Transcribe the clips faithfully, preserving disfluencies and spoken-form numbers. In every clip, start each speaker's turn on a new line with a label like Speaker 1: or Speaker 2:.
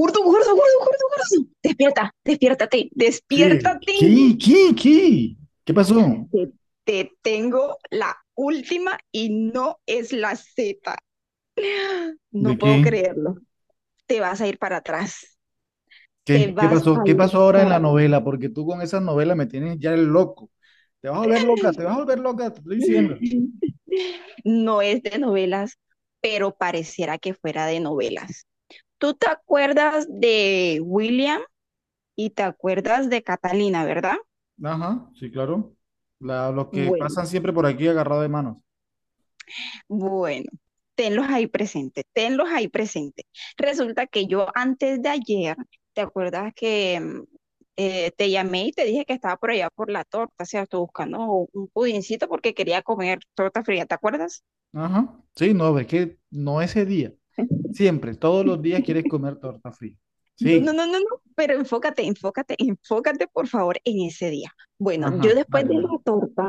Speaker 1: Gordo, gordo, gordo, gordo, gordo. Despierta, despiértate,
Speaker 2: ¿Qué?
Speaker 1: despiértate.
Speaker 2: ¿Qué? ¿Qué? ¿Qué? ¿Qué pasó?
Speaker 1: Te, te tengo la última y no es la Z. No
Speaker 2: ¿De
Speaker 1: puedo
Speaker 2: qué?
Speaker 1: creerlo. Te vas a ir para atrás. Te
Speaker 2: ¿Qué? ¿Qué
Speaker 1: vas
Speaker 2: pasó?
Speaker 1: a
Speaker 2: ¿Qué
Speaker 1: ir
Speaker 2: pasó ahora en
Speaker 1: para
Speaker 2: la
Speaker 1: atrás.
Speaker 2: novela? Porque tú con esas novelas me tienes ya el loco. Te vas a volver loca, te vas a volver loca, te estoy diciendo.
Speaker 1: No es de novelas, pero pareciera que fuera de novelas. ¿Tú te acuerdas de William y te acuerdas de Catalina, verdad?
Speaker 2: Ajá, sí, claro. La- los que
Speaker 1: Bueno,
Speaker 2: pasan siempre por aquí agarrados de manos.
Speaker 1: Bueno, tenlos ahí presentes, tenlos ahí presentes. Resulta que yo antes de ayer, ¿te acuerdas que mm, eh, te llamé y te dije que estaba por allá por la torta? O sea, estoy buscando un pudincito porque quería comer torta fría, ¿te acuerdas?
Speaker 2: Ajá. Sí, no, es que no ese día. Siempre, todos los días quieres comer torta fría.
Speaker 1: No, no,
Speaker 2: Sí.
Speaker 1: no, no, no, pero enfócate, enfócate, enfócate por favor en ese día. Bueno, yo
Speaker 2: Ajá,
Speaker 1: después
Speaker 2: dale,
Speaker 1: de
Speaker 2: dale.
Speaker 1: la torta,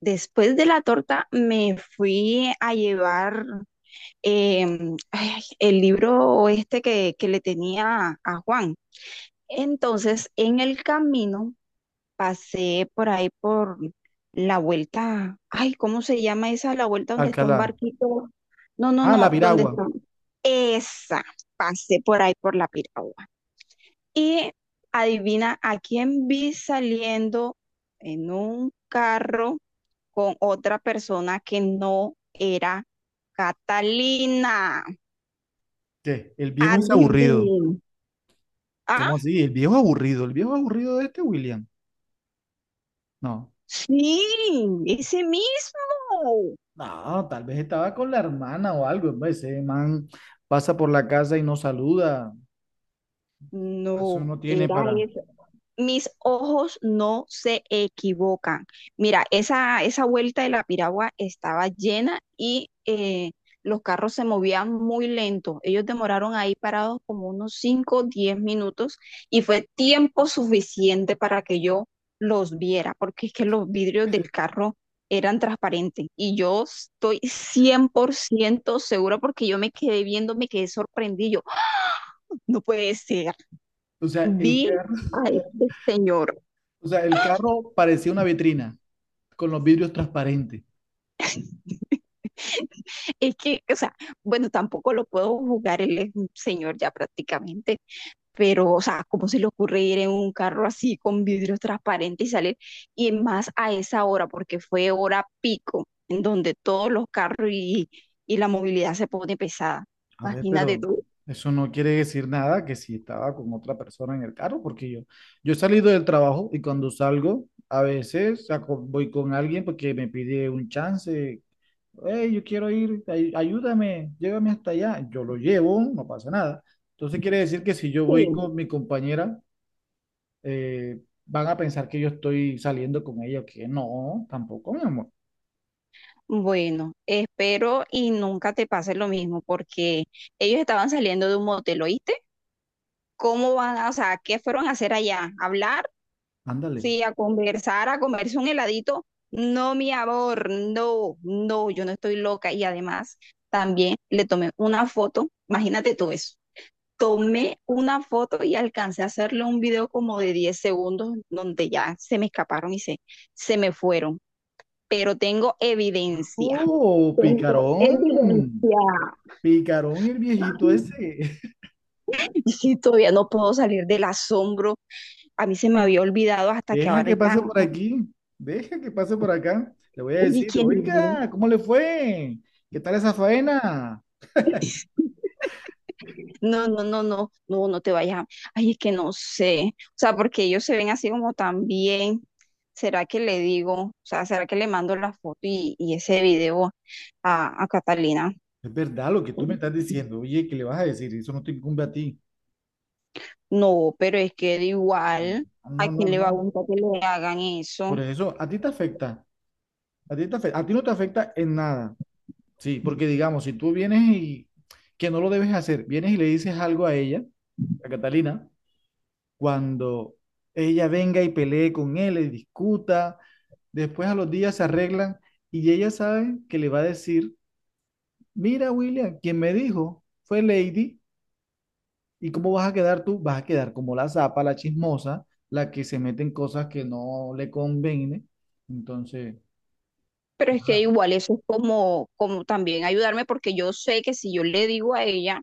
Speaker 1: después de la torta me fui a llevar em, ay, el libro este que, que le tenía a Juan. Entonces, en el camino pasé por ahí por la vuelta, ay, ¿cómo se llama esa? La vuelta donde está un
Speaker 2: Alcalá.
Speaker 1: barquito. No, no,
Speaker 2: Ah, la
Speaker 1: no, donde
Speaker 2: piragua.
Speaker 1: está. Esa, pasé por ahí por la piragua. Y adivina a quién vi saliendo en un carro con otra persona que no era Catalina.
Speaker 2: ¿Qué? El viejo es aburrido.
Speaker 1: Adivina. Ah,
Speaker 2: ¿Cómo así? El viejo aburrido. El viejo aburrido de este William. No.
Speaker 1: sí, ese mismo.
Speaker 2: No, tal vez estaba con la hermana o algo, hombre. Ese man pasa por la casa y no saluda. Eso
Speaker 1: No,
Speaker 2: no tiene
Speaker 1: era
Speaker 2: para.
Speaker 1: eso. Mis ojos no se equivocan. Mira, esa, esa vuelta de la piragua estaba llena y eh, los carros se movían muy lento. Ellos demoraron ahí parados como unos cinco, o diez minutos y fue tiempo suficiente para que yo los viera, porque es que los vidrios del carro eran transparentes y yo estoy cien por ciento segura porque yo me quedé viendo, me quedé sorprendido. ¡Ah! No puede ser.
Speaker 2: O sea,
Speaker 1: Vi
Speaker 2: el carro,
Speaker 1: a este señor.
Speaker 2: o sea, el carro parecía una vitrina con los vidrios transparentes.
Speaker 1: Es que, o sea, bueno, tampoco lo puedo jugar, él es un señor ya prácticamente, pero, o sea, ¿cómo se le ocurre ir en un carro así con vidrios transparentes y salir? Y más a esa hora, porque fue hora pico, en donde todos los carros y, y la movilidad se pone pesada.
Speaker 2: A ver,
Speaker 1: Imagínate
Speaker 2: pero
Speaker 1: tú.
Speaker 2: eso no quiere decir nada que si estaba con otra persona en el carro, porque yo, yo he salido del trabajo y cuando salgo, a veces saco- voy con alguien porque me pide un chance. Hey, yo quiero ir, ay- ayúdame, llévame hasta allá. Yo lo llevo, no pasa nada. Entonces quiere decir que si yo voy
Speaker 1: Sí.
Speaker 2: con mi compañera, eh, van a pensar que yo estoy saliendo con ella, que no, tampoco, mi amor.
Speaker 1: Bueno, espero y nunca te pase lo mismo, porque ellos estaban saliendo de un motel, ¿oíste? Cómo van, a- o sea, qué fueron a hacer allá. ¿A hablar,
Speaker 2: Ándale.
Speaker 1: sí, a conversar, a comerse un heladito? No, mi amor, no, no, yo no estoy loca. Y además, también le tomé una foto, imagínate tú eso. Tomé una foto y alcancé a hacerle un video como de diez segundos, donde ya se me escaparon y se, se me fueron. Pero tengo evidencia.
Speaker 2: Oh,
Speaker 1: Tengo
Speaker 2: picarón,
Speaker 1: evidencia.
Speaker 2: picarón el viejito ese.
Speaker 1: Y sí, todavía no puedo salir del asombro. A mí se me había olvidado hasta que
Speaker 2: Deja
Speaker 1: ahora
Speaker 2: que
Speaker 1: están.
Speaker 2: pase por aquí, deja que pase por acá. Le voy a
Speaker 1: Oye,
Speaker 2: decir,
Speaker 1: ¿quién no?
Speaker 2: oiga, ¿cómo le fue? ¿Qué tal esa faena?
Speaker 1: No, no, no, no, no, no te vayas. a- Ay, es que no sé. O sea, porque ellos se ven así como tan bien. ¿Será que le digo? O sea, ¿será que le mando la foto y, y ese video a, a Catalina?
Speaker 2: Es verdad lo que tú me estás diciendo. Oye, ¿qué le vas a decir? Eso no te incumbe a ti.
Speaker 1: No, pero es que de igual, ¿a
Speaker 2: No, no,
Speaker 1: quién le va a
Speaker 2: no.
Speaker 1: gustar que le hagan eso?
Speaker 2: Por eso, a ti te afecta. A ti te afecta. A ti no te afecta en nada. Sí, porque digamos, si tú vienes y, que no lo debes hacer, vienes y le dices algo a ella, a Catalina, cuando ella venga y pelee con él, y discuta, después a los días se arreglan y ella sabe que le va a decir, mira, William, quien me dijo fue Lady, ¿y cómo vas a quedar tú? Vas a quedar como la zapa, la chismosa, la que se mete en cosas que no le conviene. Entonces...
Speaker 1: Pero es que igual eso es como, como también ayudarme, porque yo sé que si yo le digo a ella,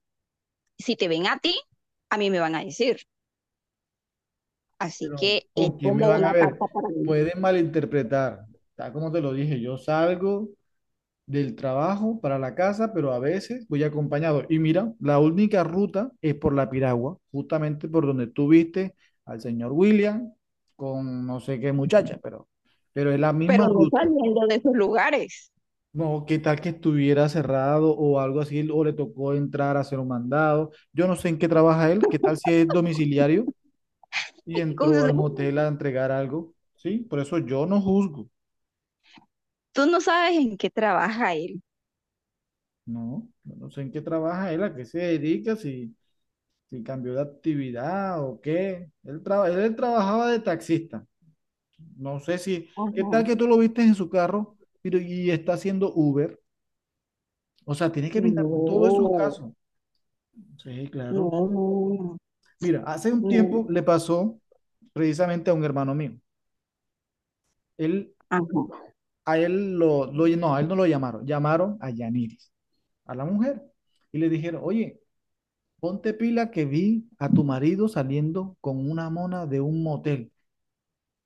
Speaker 1: si te ven a ti, a mí me van a decir. Así
Speaker 2: Pero
Speaker 1: que es
Speaker 2: ¿con quién me
Speaker 1: como
Speaker 2: van a
Speaker 1: una
Speaker 2: ver?
Speaker 1: carta para mí.
Speaker 2: Pueden malinterpretar. Tal como te lo dije, yo salgo del trabajo para la casa, pero a veces voy acompañado. Y mira, la única ruta es por la Piragua, justamente por donde tú viste al señor William con no sé qué muchacha, pero, pero es la
Speaker 1: Pero
Speaker 2: misma
Speaker 1: no
Speaker 2: ruta.
Speaker 1: saliendo de esos lugares.
Speaker 2: No, qué tal que estuviera cerrado o algo así, o le tocó entrar a hacer un mandado. Yo no sé en qué trabaja él, qué tal si es domiciliario. Y
Speaker 1: Ay, cosas
Speaker 2: entró
Speaker 1: de-
Speaker 2: al motel a entregar algo, ¿sí? Por eso yo no juzgo,
Speaker 1: Tú no sabes en qué trabaja él.
Speaker 2: ¿no? Yo no sé en qué trabaja él, a qué se dedica, si, si cambió de actividad o qué. Él, traba- él trabajaba de taxista. No sé si, ¿qué tal
Speaker 1: Ajá.
Speaker 2: que tú lo viste en su carro pero, y está haciendo Uber? O sea, tienes que pintar todos esos
Speaker 1: No,
Speaker 2: casos. Sí, claro.
Speaker 1: no, no,
Speaker 2: Mira, hace un
Speaker 1: no.
Speaker 2: tiempo le pasó precisamente a un hermano mío. Él,
Speaker 1: Ajá.
Speaker 2: a él lo, lo, no, a él no lo llamaron, llamaron a Yaniris, a la mujer, y le dijeron, oye, ponte pila que vi a tu marido saliendo con una mona de un motel.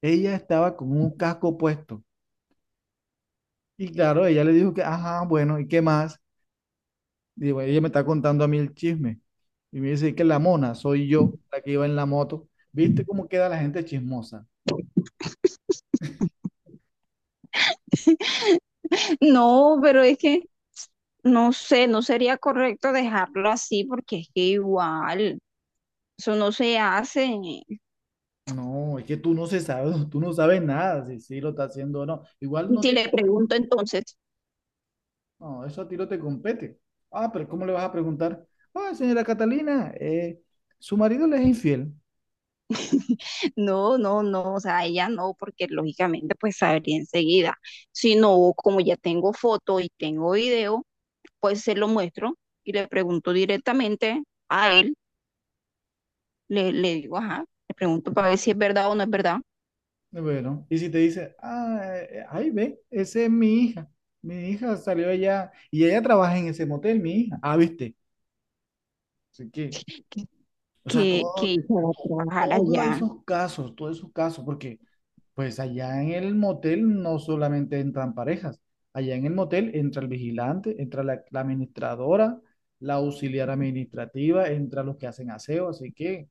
Speaker 2: Ella estaba con un casco puesto. Y claro, ella le dijo que, ajá, bueno, ¿y qué más? Y bueno, ella me está contando a mí el chisme. Y me dice que la mona soy yo, la que iba en la moto. ¿Viste cómo queda la gente chismosa?
Speaker 1: No, pero es que no sé, no sería correcto dejarlo así porque es que igual, eso no se hace. Y
Speaker 2: No, es que tú no se sabes, tú no sabes nada si, sí lo está haciendo o no. Igual no
Speaker 1: si
Speaker 2: te.
Speaker 1: le pregunto entonces,
Speaker 2: No, eso a ti no te compete. Ah, pero ¿cómo le vas a preguntar? Ah, señora Catalina, eh, su marido le es infiel.
Speaker 1: no, no, no, o sea, ella no, porque lógicamente pues sabría enseguida. Si no, como ya tengo foto y tengo video, pues se lo muestro y le pregunto directamente a él, le, le digo, ajá, le pregunto para ver si es verdad o no es verdad
Speaker 2: Bueno, y si te dice, ah, eh, ahí ve, esa es mi hija. Mi hija salió allá y ella trabaja en ese motel, mi hija. Ah, viste. Así que, o sea,
Speaker 1: que,
Speaker 2: todo,
Speaker 1: que ella
Speaker 2: to-
Speaker 1: va a trabajar
Speaker 2: todos
Speaker 1: allá.
Speaker 2: esos casos, todos esos casos, porque pues allá en el motel no solamente entran parejas, allá en el motel entra el vigilante, entra la, la administradora, la auxiliar administrativa, entra los que hacen aseo, así que,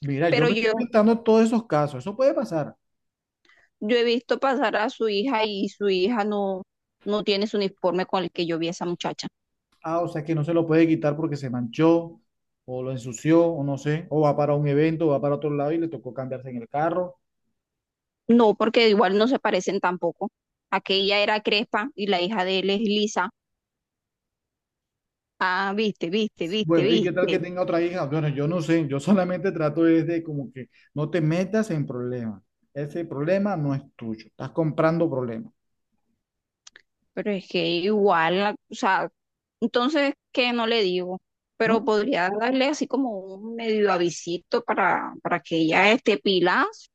Speaker 2: mira, yo
Speaker 1: Pero
Speaker 2: me estoy
Speaker 1: yo,
Speaker 2: pintando todos esos casos, eso puede pasar.
Speaker 1: yo he visto pasar a su hija y su hija no, no tiene su uniforme con el que yo vi a esa muchacha.
Speaker 2: Ah, o sea que no se lo puede quitar porque se manchó, o lo ensució, o no sé, o va para un evento, o va para otro lado y le tocó cambiarse en el carro.
Speaker 1: No, porque igual no se parecen tampoco. Aquella era crespa y la hija de él es lisa. Ah, viste, viste, viste,
Speaker 2: Bueno, ¿y qué tal que
Speaker 1: viste.
Speaker 2: tenga otra hija? Bueno, yo no sé, yo solamente trato es de como que no te metas en problemas. Ese problema no es tuyo, estás comprando problemas,
Speaker 1: Pero es que igual, la- o sea, entonces, ¿qué no le digo? Pero
Speaker 2: ¿no?
Speaker 1: podría darle así como un medio avisito para, para que ella esté pilas,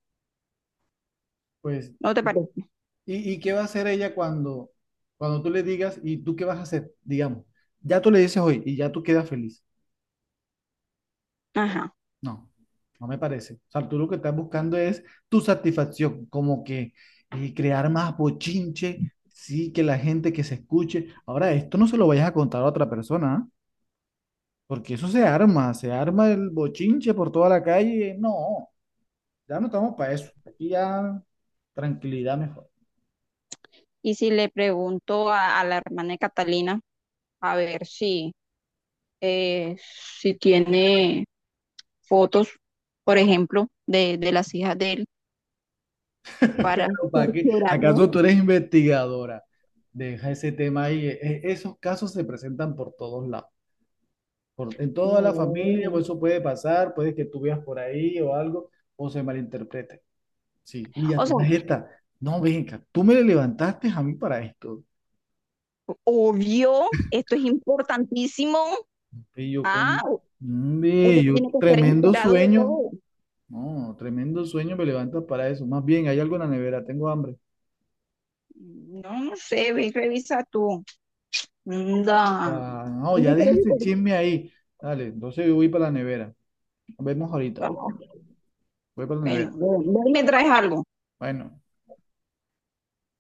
Speaker 2: Pues,
Speaker 1: ¿no te parece?
Speaker 2: ¿y, y qué va a hacer ella cuando, cuando tú le digas? ¿Y tú qué vas a hacer? Digamos, ya tú le dices hoy y ya tú quedas feliz.
Speaker 1: Ajá.
Speaker 2: No, no me parece. O sea, tú lo que estás buscando es tu satisfacción, como que y crear más bochinche, sí, que la gente que se escuche. Ahora, esto no se lo vayas a contar a otra persona, ¿ah? Porque eso se arma, se arma el bochinche por toda la calle. No, ya no estamos para eso. Aquí ya tranquilidad mejor.
Speaker 1: Y si le pregunto a, a la hermana de Catalina, a ver si, eh, si tiene fotos, por ejemplo, de, de las hijas de él, para
Speaker 2: Pero ¿para qué?
Speaker 1: cerciorarme.
Speaker 2: ¿Acaso tú eres investigadora? Deja ese tema ahí. E- e- Esos casos se presentan por todos lados. Por- en toda la familia,
Speaker 1: No.
Speaker 2: o eso puede pasar, puede que tú veas por ahí o algo, o se malinterprete. Sí, y a
Speaker 1: O sea,
Speaker 2: todas estas, no venga, tú me levantaste a mí para esto.
Speaker 1: obvio, esto es importantísimo.
Speaker 2: Y yo
Speaker 1: Ah,
Speaker 2: con, Mm,
Speaker 1: uno
Speaker 2: y yo
Speaker 1: tiene que estar
Speaker 2: tremendo
Speaker 1: enterado de
Speaker 2: sueño.
Speaker 1: todo.
Speaker 2: No, tremendo sueño me levanta para eso. Más bien, hay algo en la nevera, tengo hambre.
Speaker 1: No, no sé, ve y revisa tú. Da.
Speaker 2: Ah, no, ya
Speaker 1: Bueno,
Speaker 2: deja este chisme ahí. Dale, entonces yo voy para la nevera. Nos vemos ahorita. ¿Oíste? Voy para la
Speaker 1: ve-
Speaker 2: nevera.
Speaker 1: ve y me traes algo.
Speaker 2: Bueno.